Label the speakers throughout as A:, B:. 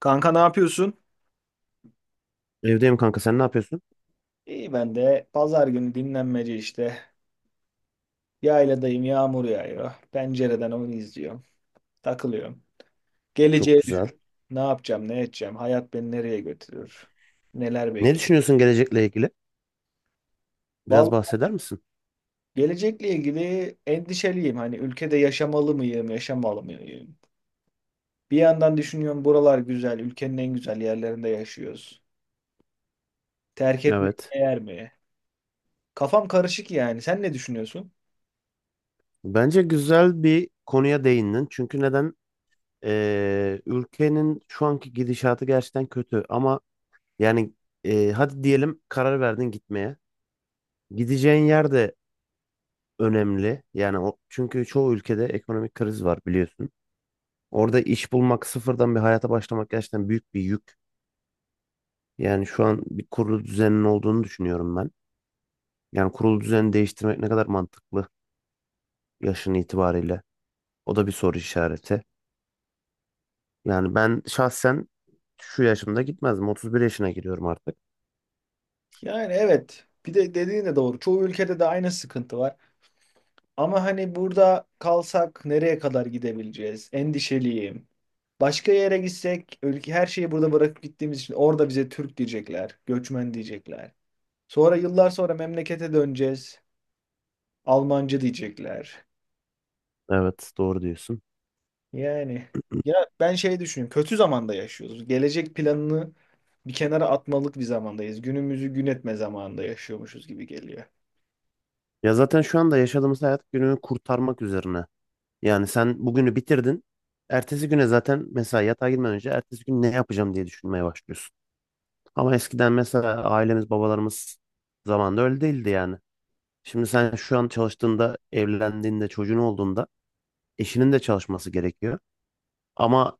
A: Kanka ne yapıyorsun?
B: Evdeyim kanka sen ne yapıyorsun?
A: İyi ben de pazar günü dinlenmece işte. Yayladayım yağmur yağıyor. Pencereden onu izliyorum. Takılıyorum.
B: Çok
A: Geleceği
B: güzel.
A: düşün. Ne yapacağım ne edeceğim? Hayat beni nereye götürür? Neler
B: Ne
A: bekliyor?
B: düşünüyorsun gelecekle ilgili? Biraz
A: Vallahi
B: bahseder misin?
A: gelecekle ilgili endişeliyim. Hani ülkede yaşamalı mıyım yaşamalı mıyım? Bir yandan düşünüyorum buralar güzel. Ülkenin en güzel yerlerinde yaşıyoruz. Terk etmek
B: Evet.
A: değer mi? Kafam karışık yani. Sen ne düşünüyorsun?
B: Bence güzel bir konuya değindin. Çünkü neden? Ülkenin şu anki gidişatı gerçekten kötü. Ama yani hadi diyelim karar verdin gitmeye. Gideceğin yer de önemli. Yani o, çünkü çoğu ülkede ekonomik kriz var biliyorsun. Orada iş bulmak, sıfırdan bir hayata başlamak gerçekten büyük bir yük. Yani şu an bir kurulu düzenin olduğunu düşünüyorum ben. Yani kurulu düzeni değiştirmek ne kadar mantıklı yaşın itibariyle? O da bir soru işareti. Yani ben şahsen şu yaşımda gitmezdim. 31 yaşına giriyorum artık.
A: Yani evet. Bir de dediğin de doğru. Çoğu ülkede de aynı sıkıntı var. Ama hani burada kalsak nereye kadar gidebileceğiz? Endişeliyim. Başka yere gitsek ülke her şeyi burada bırakıp gittiğimiz için orada bize Türk diyecekler, göçmen diyecekler. Sonra yıllar sonra memlekete döneceğiz. Almancı diyecekler.
B: Evet, doğru diyorsun.
A: Yani ya ben şey düşünüyorum. Kötü zamanda yaşıyoruz. Gelecek planını bir kenara atmalık bir zamandayız. Günümüzü gün etme zamanında yaşıyormuşuz gibi geliyor.
B: Ya zaten şu anda yaşadığımız hayat günü kurtarmak üzerine. Yani sen bugünü bitirdin. Ertesi güne zaten mesela yatağa girmeden önce ertesi gün ne yapacağım diye düşünmeye başlıyorsun. Ama eskiden mesela ailemiz, babalarımız zamanında öyle değildi yani. Şimdi sen şu an çalıştığında, evlendiğinde, çocuğun olduğunda eşinin de çalışması gerekiyor. Ama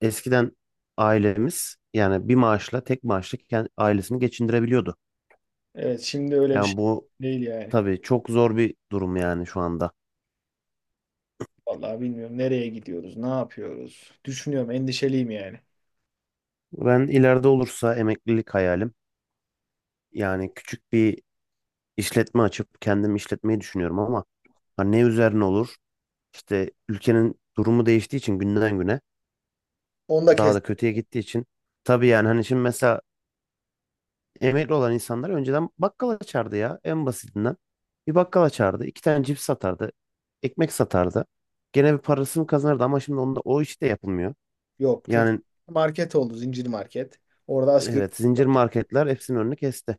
B: eskiden ailemiz yani bir maaşla tek maaşla ailesini geçindirebiliyordu.
A: Evet, şimdi öyle bir şey
B: Yani bu
A: değil yani.
B: tabii çok zor bir durum yani şu anda.
A: Vallahi bilmiyorum nereye gidiyoruz, ne yapıyoruz. Düşünüyorum, endişeliyim yani.
B: Ben ileride olursa emeklilik hayalim yani küçük bir işletme açıp kendim işletmeyi düşünüyorum ama hani ne üzerine olur? İşte ülkenin durumu değiştiği için günden güne
A: Onu da
B: daha
A: kes-
B: da kötüye gittiği için tabii yani hani şimdi mesela emekli olan insanlar önceden bakkal açardı ya en basitinden. Bir bakkal açardı, iki tane cips satardı, ekmek satardı. Gene bir parasını kazanırdı ama şimdi onda o iş de yapılmıyor.
A: Yok çünkü
B: Yani
A: market oldu zincir market. Orada asgari
B: evet,
A: ücret
B: zincir
A: yok.
B: marketler hepsinin önünü kesti.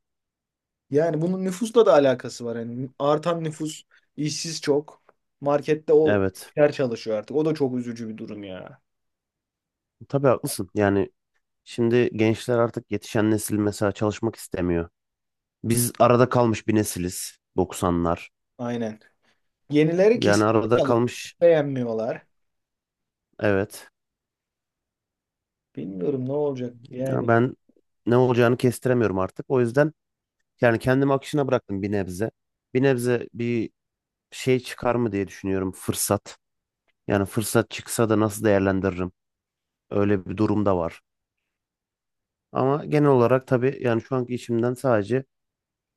A: Yani bunun nüfusla da alakası var. Yani artan nüfus, işsiz çok. Markette o
B: Evet,
A: yer çalışıyor artık. O da çok üzücü bir durum ya.
B: tabii haklısın. Yani şimdi gençler artık yetişen nesil mesela çalışmak istemiyor. Biz arada kalmış bir nesiliz doksanlar.
A: Aynen. Yenileri
B: Yani
A: kesinlikle
B: arada
A: çalışıyor.
B: kalmış
A: Beğenmiyorlar.
B: evet.
A: Bilmiyorum ne olacak yani.
B: Ya ben ne olacağını kestiremiyorum artık. O yüzden yani kendimi akışına bıraktım bir nebze. Bir nebze bir şey çıkar mı diye düşünüyorum fırsat. Yani fırsat çıksa da nasıl değerlendiririm? Öyle bir durum da var. Ama genel olarak tabii yani şu anki işimden sadece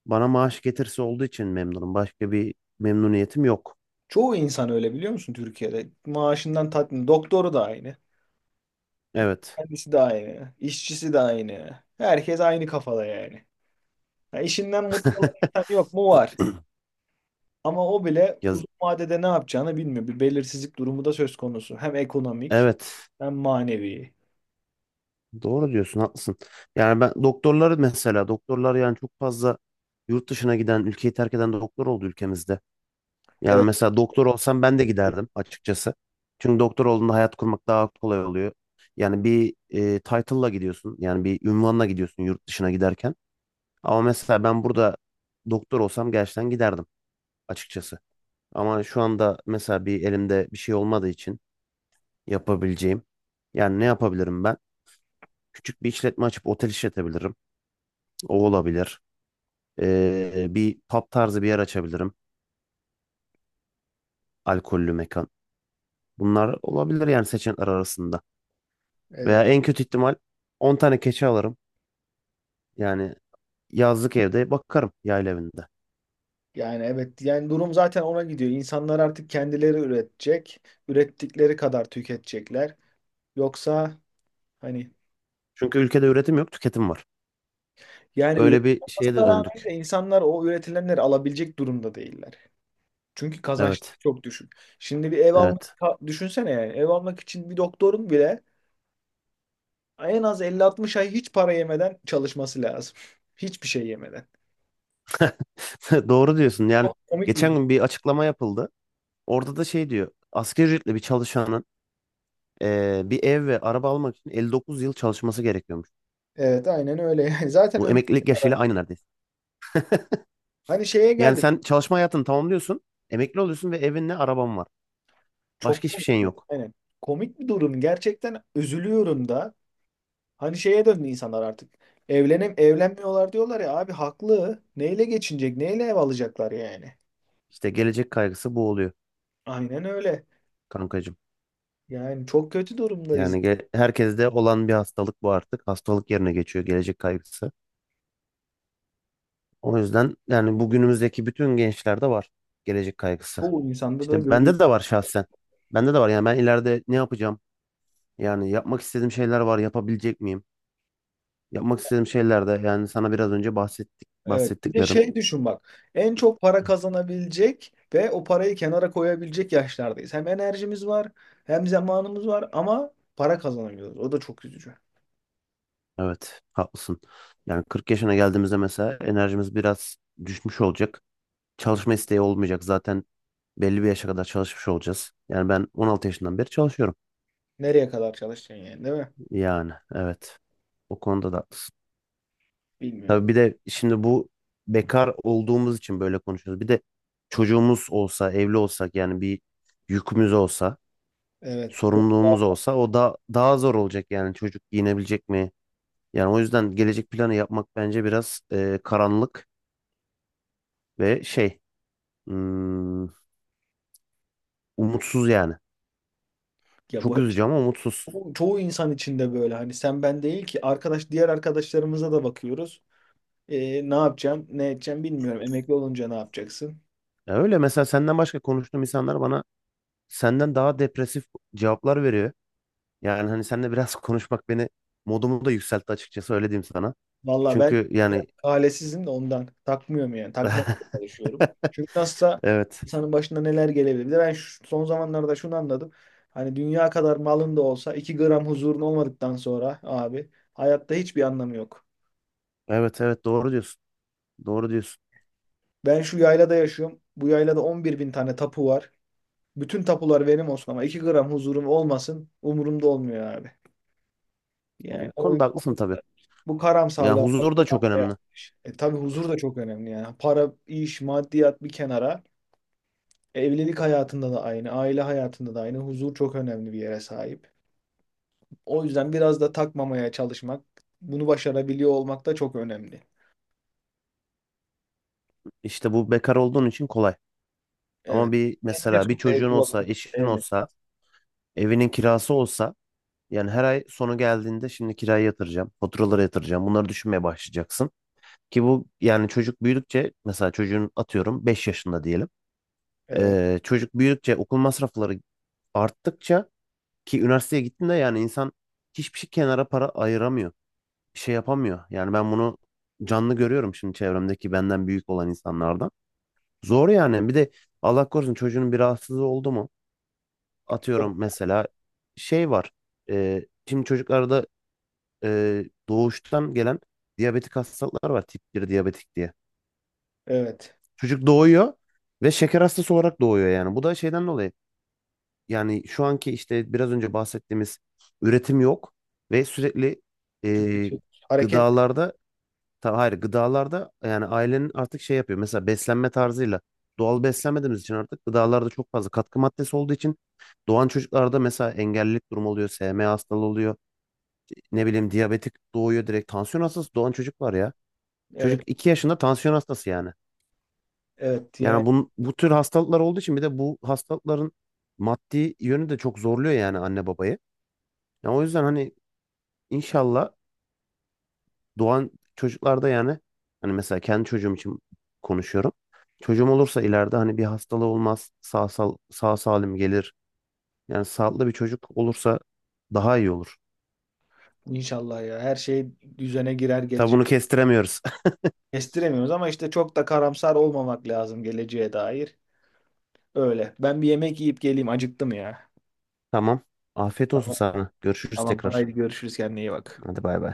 B: bana maaş getirisi olduğu için memnunum. Başka bir memnuniyetim yok.
A: Çoğu insan öyle biliyor musun Türkiye'de? Maaşından tatmin. Doktoru da aynı.
B: Evet.
A: Kendisi de aynı. İşçisi de aynı. Herkes aynı kafada yani. Ya işinden mutlu olan insan yok mu? Var. Ama o bile
B: Yaz
A: uzun vadede ne yapacağını bilmiyor. Bir belirsizlik durumu da söz konusu. Hem ekonomik
B: evet.
A: hem manevi.
B: Doğru diyorsun, haklısın. Yani ben doktorları mesela doktorlar yani çok fazla yurt dışına giden, ülkeyi terk eden doktor oldu ülkemizde. Yani
A: Evet,
B: mesela doktor olsam ben de giderdim açıkçası. Çünkü doktor olduğunda hayat kurmak daha kolay oluyor. Yani bir title'la gidiyorsun. Yani bir ünvanla gidiyorsun yurt dışına giderken. Ama mesela ben burada doktor olsam gerçekten giderdim açıkçası. Ama şu anda mesela bir elimde bir şey olmadığı için yapabileceğim. Yani ne yapabilirim ben? Küçük bir işletme açıp otel işletebilirim. O olabilir. Bir pub tarzı bir yer açabilirim. Alkollü mekan. Bunlar olabilir yani seçenekler arasında. Veya
A: evet.
B: en kötü ihtimal 10 tane keçi alırım. Yani yazlık evde bakarım yayla evinde.
A: Yani evet. Yani durum zaten ona gidiyor. İnsanlar artık kendileri üretecek. Ürettikleri kadar tüketecekler. Yoksa hani
B: Çünkü ülkede üretim yok, tüketim var.
A: yani
B: Öyle
A: üretim
B: bir şeye de
A: olmasına rağmen
B: döndük.
A: de insanlar o üretilenleri alabilecek durumda değiller. Çünkü
B: Evet,
A: kazançları çok düşük. Şimdi bir ev almak
B: evet.
A: düşünsene yani. Ev almak için bir doktorun bile en az 50-60 ay hiç para yemeden çalışması lazım. Hiçbir şey yemeden.
B: Doğru diyorsun. Yani
A: Çok komik bir
B: geçen
A: durum.
B: gün bir açıklama yapıldı. Orada da şey diyor. Asgari ücretli bir çalışanın bir ev ve araba almak için 59 yıl çalışması gerekiyormuş.
A: Evet aynen öyle yani. Zaten
B: Bu
A: ömür.
B: emeklilik yaşıyla aynı neredeyse.
A: Hani şeye
B: Yani
A: geldim.
B: sen çalışma hayatını tamamlıyorsun, emekli oluyorsun ve evinle araban var.
A: Çok
B: Başka hiçbir
A: komik.
B: şeyin
A: Yani.
B: yok.
A: Aynen. Komik bir durum. Gerçekten üzülüyorum da. Hani şeye döndü insanlar artık. Evlenmiyorlar diyorlar ya abi haklı. Neyle geçinecek? Neyle ev alacaklar yani?
B: İşte gelecek kaygısı bu oluyor
A: Aynen öyle.
B: kankacığım.
A: Yani çok kötü durumdayız.
B: Yani herkeste olan bir hastalık bu artık. Hastalık yerine geçiyor gelecek kaygısı. O yüzden yani bugünümüzdeki bütün gençlerde var gelecek kaygısı.
A: Çoğu insanda da
B: İşte bende
A: görüyoruz.
B: de var şahsen. Bende de var yani ben ileride ne yapacağım? Yani yapmak istediğim şeyler var, yapabilecek miyim? Yapmak istediğim şeyler de yani sana biraz önce
A: Evet. Bir de
B: bahsettiklerim.
A: şey düşün bak. En çok para kazanabilecek ve o parayı kenara koyabilecek yaşlardayız. Hem enerjimiz var, hem zamanımız var ama para kazanamıyoruz. O da çok üzücü.
B: Evet, haklısın. Yani 40 yaşına geldiğimizde mesela enerjimiz biraz düşmüş olacak. Çalışma isteği olmayacak. Zaten belli bir yaşa kadar çalışmış olacağız. Yani ben 16 yaşından beri çalışıyorum.
A: Nereye kadar çalışacaksın yani, değil mi?
B: Yani evet. O konuda da haklısın. Tabii
A: Bilmiyorum.
B: bir de şimdi bu bekar olduğumuz için böyle konuşuyoruz. Bir de çocuğumuz olsa, evli olsak yani bir yükümüz olsa,
A: Evet.
B: sorumluluğumuz olsa o da daha zor olacak yani çocuk giyinebilecek mi? Yani o yüzden gelecek planı yapmak bence biraz karanlık ve şey hmm, umutsuz yani.
A: Ya
B: Çok
A: bu işte
B: üzücü ama umutsuz.
A: çoğu insan içinde böyle. Hani sen ben değil ki arkadaş diğer arkadaşlarımıza da bakıyoruz. Ne yapacağım, ne edeceğim bilmiyorum. Emekli olunca ne yapacaksın?
B: Ya öyle mesela senden başka konuştuğum insanlar bana senden daha depresif cevaplar veriyor. Yani hani seninle biraz konuşmak beni modumu da yükseltti açıkçası öyle diyeyim sana.
A: Valla ben
B: Çünkü yani
A: ailesizim de ondan. Takmıyorum yani. Takmamaya çalışıyorum. Çünkü nasılsa
B: evet,
A: insanın başına neler gelebilir. Bir de ben son zamanlarda şunu anladım. Hani dünya kadar malın da olsa 2 gram huzurun olmadıktan sonra abi hayatta hiçbir anlamı yok.
B: evet, evet, doğru diyorsun. Doğru diyorsun.
A: Ben şu yaylada yaşıyorum. Bu yaylada 11.000 tane tapu var. Bütün tapular benim olsun ama 2 gram huzurum olmasın umurumda olmuyor abi. Yani
B: O
A: o,
B: konuda haklısın tabii.
A: bu
B: Yani
A: karamsarlığa
B: huzur da
A: kapılmak
B: çok
A: da
B: önemli.
A: yanlış. E tabii huzur da çok önemli yani. Para, iş, maddiyat bir kenara. Evlilik hayatında da aynı, aile hayatında da aynı. Huzur çok önemli bir yere sahip. O yüzden biraz da takmamaya çalışmak, bunu başarabiliyor olmak da çok önemli.
B: İşte bu bekar olduğun için kolay. Ama
A: Evet.
B: bir
A: Benim de
B: mesela bir
A: çok
B: çocuğun
A: sevdiğim
B: olsa,
A: vakıf.
B: eşin
A: Evet.
B: olsa, evinin kirası olsa yani her ay sonu geldiğinde şimdi kirayı yatıracağım, faturaları yatıracağım. Bunları düşünmeye başlayacaksın. Ki bu yani çocuk büyüdükçe mesela çocuğun atıyorum 5 yaşında diyelim.
A: Evet.
B: Çocuk büyüdükçe okul masrafları arttıkça ki üniversiteye gittiğinde yani insan hiçbir şey kenara para ayıramıyor. Bir şey yapamıyor. Yani ben bunu canlı görüyorum şimdi çevremdeki benden büyük olan insanlardan. Zor yani. Bir de Allah korusun çocuğunun bir rahatsızlığı oldu mu?
A: Çok-.
B: Atıyorum mesela şey var. E, şimdi çocuklarda e, doğuştan gelen diyabetik hastalıklar var. Tip 1 diyabetik diye.
A: Evet.
B: Çocuk doğuyor ve şeker hastası olarak doğuyor yani. Bu da şeyden dolayı. Yani şu anki işte biraz önce bahsettiğimiz üretim yok ve sürekli e,
A: Tüketiyoruz. Hareket.
B: gıdalarda hayır gıdalarda yani ailenin artık şey yapıyor. Mesela beslenme tarzıyla doğal beslenmediğimiz için artık gıdalarda çok fazla katkı maddesi olduğu için doğan çocuklarda mesela engellilik durumu oluyor, SMA hastalığı oluyor, ne bileyim diyabetik doğuyor direkt tansiyon hastası doğan çocuk var ya. Çocuk
A: Evet.
B: 2 yaşında tansiyon hastası yani.
A: Evet. Yani
B: Yani bu tür hastalıklar olduğu için bir de bu hastalıkların maddi yönü de çok zorluyor yani anne babayı. Ya o yüzden hani inşallah doğan çocuklarda yani hani mesela kendi çocuğum için konuşuyorum. Çocuğum olursa ileride hani bir hastalığı olmaz, sağ salim gelir. Yani sağlıklı bir çocuk olursa daha iyi olur.
A: inşallah ya. Her şey düzene girer
B: Tabi
A: gelecek.
B: bunu kestiremiyoruz.
A: Kestiremiyoruz ama işte çok da karamsar olmamak lazım geleceğe dair. Öyle. Ben bir yemek yiyip geleyim. Acıktım ya.
B: Tamam. Afiyet olsun
A: Tamam.
B: sana. Görüşürüz
A: Tamam.
B: tekrar.
A: Haydi görüşürüz. Kendine iyi bak.
B: Hadi bay bay.